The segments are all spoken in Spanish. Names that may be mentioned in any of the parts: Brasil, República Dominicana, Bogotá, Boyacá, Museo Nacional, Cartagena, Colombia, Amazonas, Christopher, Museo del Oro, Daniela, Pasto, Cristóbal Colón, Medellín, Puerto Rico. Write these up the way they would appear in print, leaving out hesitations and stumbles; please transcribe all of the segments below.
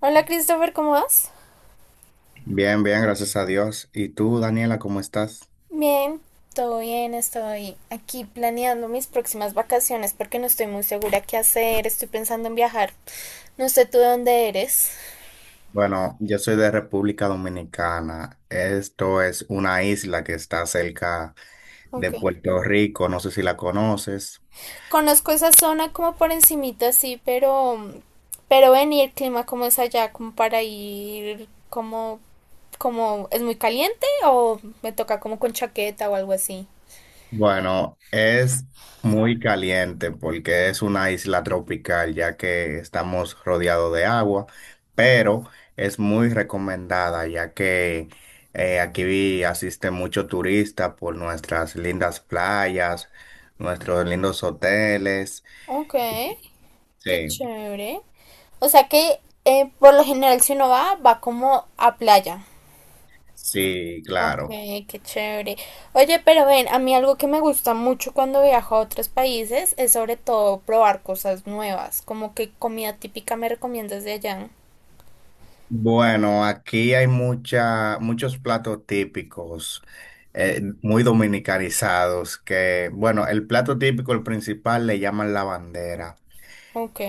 Hola Christopher, ¿cómo vas? Bien, bien, gracias a Dios. ¿Y tú, Daniela, cómo estás? Bien, todo bien, estoy aquí planeando mis próximas vacaciones porque no estoy muy segura qué hacer, estoy pensando en viajar. No sé tú de dónde eres. Bueno, yo soy de República Dominicana. Esto es una isla que está cerca de Ok. Puerto Rico. No sé si la conoces. Conozco esa zona como por encimita, sí, pero ven y el clima cómo es allá, como para ir como es muy caliente o me toca como con chaqueta o algo así. Bueno, es muy caliente porque es una isla tropical, ya que estamos rodeados de agua, pero es muy recomendada, ya que aquí asiste mucho turista por nuestras lindas playas, nuestros lindos hoteles. Ok, qué Sí, chévere. O sea que por lo general si uno va, va como a playa. sí, Ok, claro. qué chévere. Oye, pero ven, a mí algo que me gusta mucho cuando viajo a otros países es sobre todo probar cosas nuevas, como que comida típica me recomiendas de allá. Bueno, aquí hay muchos platos típicos, muy dominicanizados, que, bueno, el plato típico, el principal, le llaman la bandera. Ok.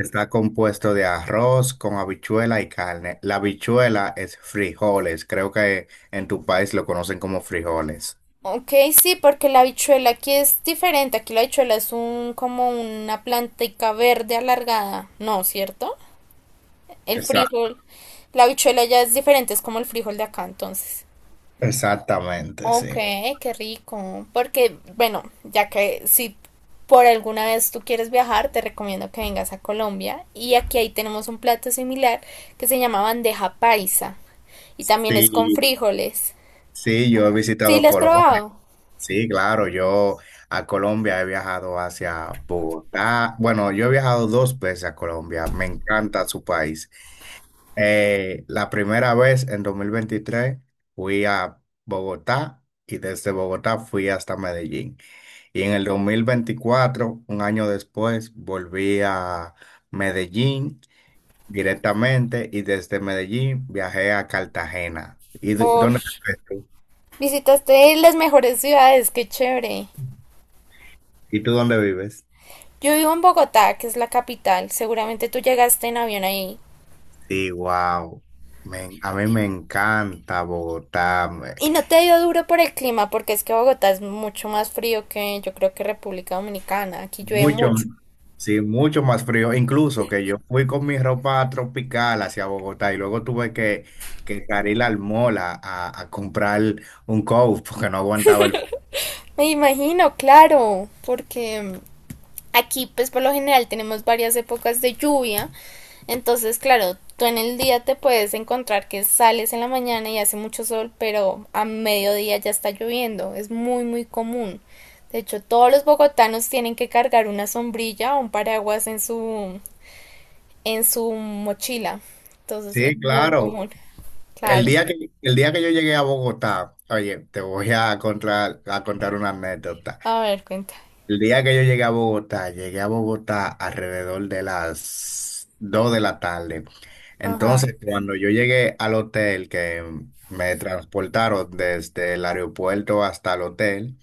Está compuesto de arroz con habichuela y carne. La habichuela es frijoles, creo que en tu país lo conocen como frijoles. Ok, sí, porque la habichuela aquí es diferente. Aquí la habichuela es un como una plantica verde alargada, ¿no? ¿Cierto? El Exacto. frijol, la habichuela ya es diferente, es como el frijol de acá, entonces. Exactamente, Ok, sí. qué rico. Porque, bueno, ya que si por alguna vez tú quieres viajar, te recomiendo que vengas a Colombia. Y aquí ahí tenemos un plato similar que se llama bandeja paisa. Y también es con Sí, frijoles. sí, yo he ¿Sí, visitado lo has Colombia. probado? Sí, claro, yo a Colombia he viajado hacia Bogotá. Bueno, yo he viajado dos veces a Colombia, me encanta su país. La primera vez en 2023 fui a Bogotá y desde Bogotá fui hasta Medellín. Y en el 2024, un año después, volví a Medellín directamente y desde Medellín viajé a Cartagena. Dónde Ush, vives tú? visitaste las mejores ciudades, qué chévere. ¿Y tú dónde vives? Yo vivo en Bogotá, que es la capital. Seguramente tú llegaste en avión ahí. Sí, wow. A mí me encanta Bogotá. Y no te dio duro por el clima, porque es que Bogotá es mucho más frío que yo creo que República Dominicana. Aquí llueve Mucho, mucho. sí, mucho más frío. Incluso que yo fui con mi ropa tropical hacia Bogotá y luego que salir al mall a comprar un coat porque no aguantaba el... Me imagino, claro, porque aquí pues por lo general tenemos varias épocas de lluvia, entonces claro, tú en el día te puedes encontrar que sales en la mañana y hace mucho sol, pero a mediodía ya está lloviendo, es muy muy común. De hecho, todos los bogotanos tienen que cargar una sombrilla o un paraguas en su mochila. Entonces, es Sí, muy claro. común. Claro. El día que yo llegué a Bogotá, oye, te voy a a contar una anécdota. A ver, cuenta. El día que yo llegué a Bogotá alrededor de las 2 de la tarde. Ajá. Entonces, cuando yo llegué al hotel, que me transportaron desde el aeropuerto hasta el hotel,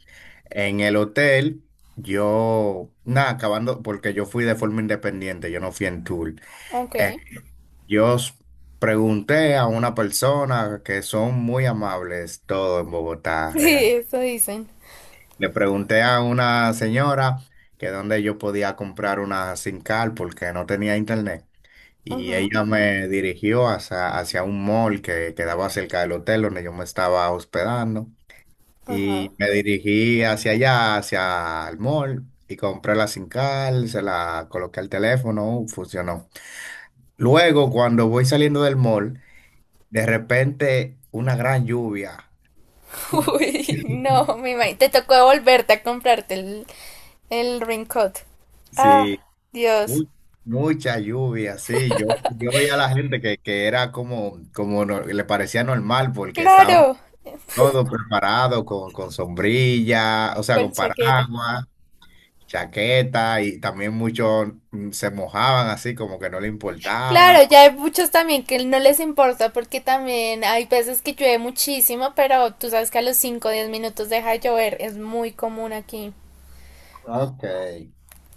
en el hotel yo, nada, acabando, porque yo fui de forma independiente, yo no fui en tour. Ok. Eh, yo s- pregunté a una persona que son muy amables, todo en Bogotá, Sí, realmente. eso dicen. Le pregunté a una señora que dónde yo podía comprar una SIM card porque no tenía internet. Y Ajá. ella me dirigió hacia un mall que quedaba cerca del hotel donde yo me estaba hospedando. Ajá. Y me dirigí hacia allá, hacia el mall, y compré la SIM card, se la coloqué al teléfono, funcionó. Luego, cuando voy saliendo del mall, de repente una gran lluvia. Fu- Uy, no, mi madre. Te tocó volverte a comprarte el raincoat. Ah, Sí, Dios. Mu- Mucha lluvia, sí. Yo veía a la gente que era como, le parecía normal porque estaban Claro, todos preparados con sombrilla, o sea, con con chaqueta. paraguas, chaqueta y también muchos se mojaban así como que no le importaba. Claro, ya hay muchos también que no les importa porque también hay veces que llueve muchísimo, pero tú sabes que a los 5, o 10 minutos deja de llover. Es muy común aquí. Ok.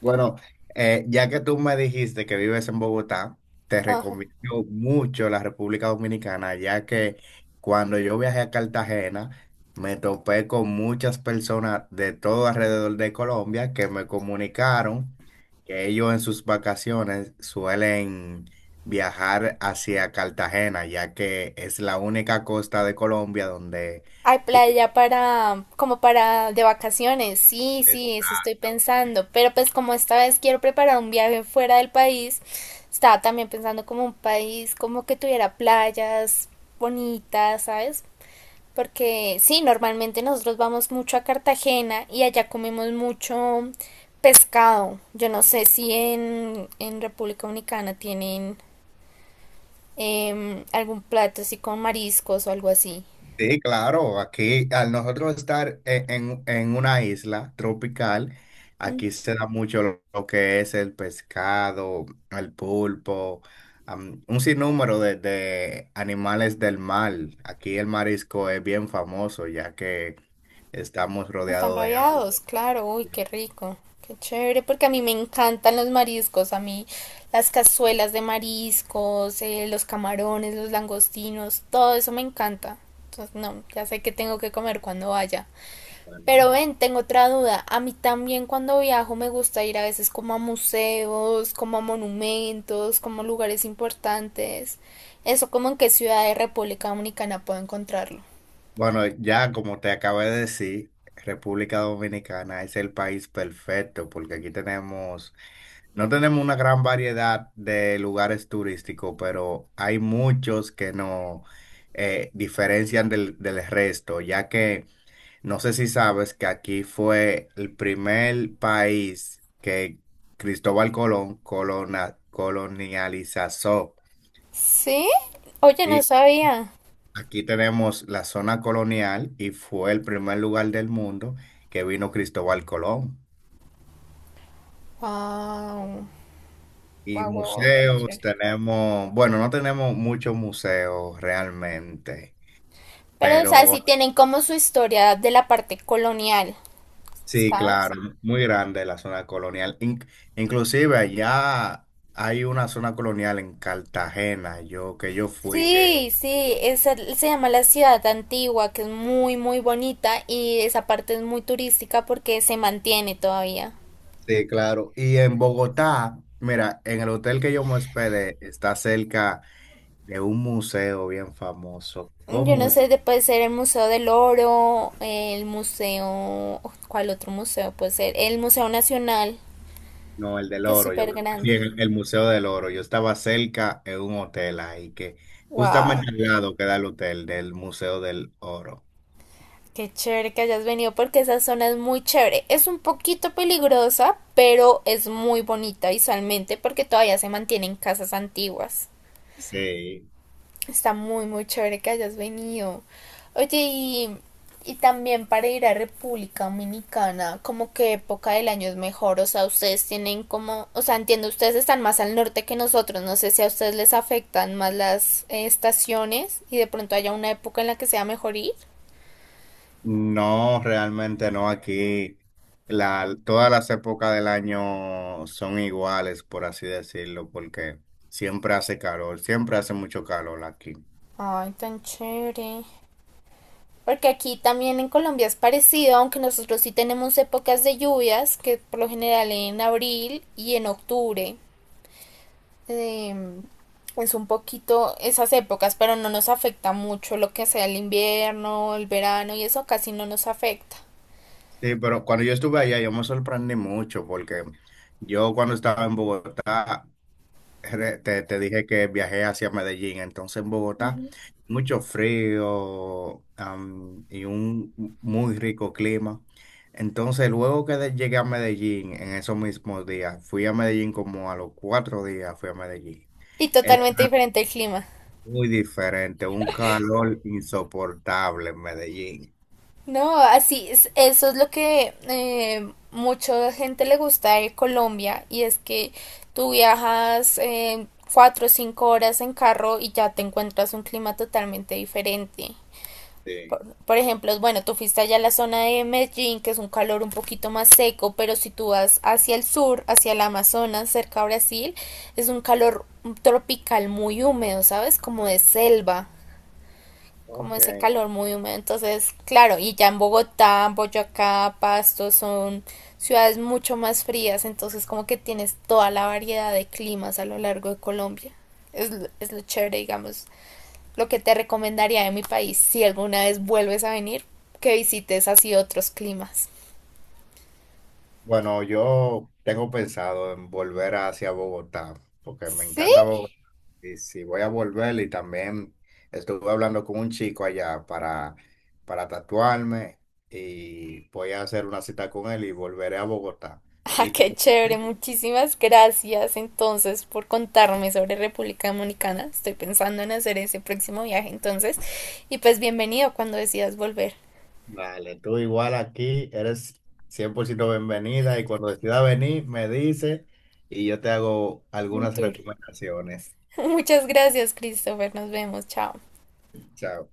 Bueno, ya que tú me dijiste que vives en Bogotá, te recomiendo mucho la República Dominicana, ya que cuando yo viajé a Cartagena, me topé con muchas personas de todo alrededor de Colombia que me comunicaron que ellos en sus vacaciones suelen viajar hacia Cartagena, ya que es la única costa de Colombia donde... Hay playa para, como para de vacaciones, sí, tiene sí, eso estoy pensando, pero pues como esta vez quiero preparar un viaje fuera del país, estaba también pensando como un país como que tuviera playas bonitas, ¿sabes? Porque sí, normalmente nosotros vamos mucho a Cartagena y allá comemos mucho pescado. Yo no sé si en República Dominicana tienen algún plato así con mariscos o algo así. sí, claro, aquí al nosotros en una isla tropical, aquí se da mucho lo que es el pescado, el pulpo, un sinnúmero de animales del mar. Aquí el marisco es bien famoso ya que estamos Están rodeados de agua. rabiados, claro, uy, qué rico, qué chévere, porque a mí me encantan los mariscos, a mí las cazuelas de mariscos, los camarones, los langostinos, todo eso me encanta. Entonces, no, ya sé que tengo que comer cuando vaya. Bueno, Pero ven, tengo otra duda, a mí también cuando viajo me gusta ir a veces como a museos, como a monumentos, como a lugares importantes. Eso como en qué ciudad de República Dominicana puedo encontrarlo. bueno, ya como te acabo de decir, República Dominicana es el país perfecto porque aquí tenemos. No tenemos una gran variedad de lugares turísticos, pero hay muchos que nos diferencian del resto, ya que no sé si sabes que aquí fue el primer país que Cristóbal Colón colonializó. ¿Sí? Oye, no Sí, sabía. aquí tenemos la zona colonial y fue el primer lugar del mundo que vino Cristóbal Colón. Wow, Y wow, wow, wow, qué museos chévere. tenemos, bueno, no tenemos muchos museos realmente, Pero, o sea, pero sí tienen como su historia de la parte colonial. sí, ¿Sabes? claro, muy grande la zona colonial. Inclusive allá hay una zona colonial en Cartagena, yo fui, que Sí, sí, esa se llama la ciudad antigua, que es muy, muy bonita y esa parte es muy turística porque se mantiene todavía. sí, claro. Y en Bogotá, mira, en el hotel que yo me hospedé está cerca de un museo bien famoso. Yo ¿Cómo no es? sé, puede ser el Museo del Oro, el museo, ¿cuál otro museo puede ser? El Museo Nacional, No, el del que es oro, yo súper creo que sí, grande. El Museo del Oro. Yo estaba cerca en un hotel ahí, que justamente Wow. al lado queda el hotel del Museo del Oro. Qué chévere que hayas venido porque esa zona es muy chévere. Es un poquito peligrosa, pero es muy bonita visualmente porque todavía se mantienen casas antiguas. Sí. Está muy, muy chévere que hayas venido. Oye, y también para ir a República Dominicana, ¿como qué época del año es mejor? O sea, ustedes tienen como, o sea, entiendo, ustedes están más al norte que nosotros. No sé si a ustedes les afectan más las estaciones y de pronto haya una época en la que sea mejor ir. No, realmente no, aquí todas las épocas del año son iguales, por así decirlo, porque siempre hace calor, siempre hace mucho calor aquí. Ay, tan chévere. Porque aquí también en Colombia es parecido, aunque nosotros sí tenemos épocas de lluvias, que por lo general en abril y en octubre. eh, es un poquito esas épocas, pero no nos afecta mucho lo que sea el invierno, el verano y eso casi no nos afecta. Sí, pero cuando yo estuve allá, yo me sorprendí mucho, porque yo cuando estaba en Bogotá, te dije que viajé hacia Medellín, entonces en Bogotá, Ujú. mucho frío, y un muy rico clima. Entonces, luego llegué a Medellín, en esos mismos días, fui a Medellín como a los 4 días, fui a Medellín. Y Es totalmente diferente el clima. muy diferente, un calor insoportable en Medellín. No, así es, eso es lo que mucha gente le gusta de Colombia y es que tú viajas cuatro o cinco horas en carro y ya te encuentras un clima totalmente diferente. Sí. Por ejemplo, bueno, tú fuiste allá a la zona de Medellín, que es un calor un poquito más seco, pero si tú vas hacia el sur, hacia el Amazonas, cerca a Brasil, es un calor tropical muy húmedo, ¿sabes? Como de selva como Ok. ese calor muy húmedo. Entonces, claro, y ya en Bogotá, Boyacá, Pasto son ciudades mucho más frías, entonces como que tienes toda la variedad de climas a lo largo de Colombia. Es, es lo chévere, digamos, lo que te recomendaría de mi país si alguna vez vuelves a venir, que visites así otros climas. Bueno, yo tengo pensado en volver hacia Bogotá, porque me Sí, encanta Bogotá. Sí, sí, voy a volver y también estuve hablando con un chico allá para tatuarme y voy a hacer una cita con él y volveré a Bogotá. ah, Y tú, qué chévere, muchísimas gracias entonces por contarme sobre República Dominicana. Estoy pensando en hacer ese próximo viaje entonces. Y pues bienvenido cuando decidas volver. vale, tú igual aquí eres 100% bienvenida y cuando decida venir me dice y yo te hago Un algunas tour. recomendaciones. Muchas gracias, Christopher. Nos vemos. Chao. Chao.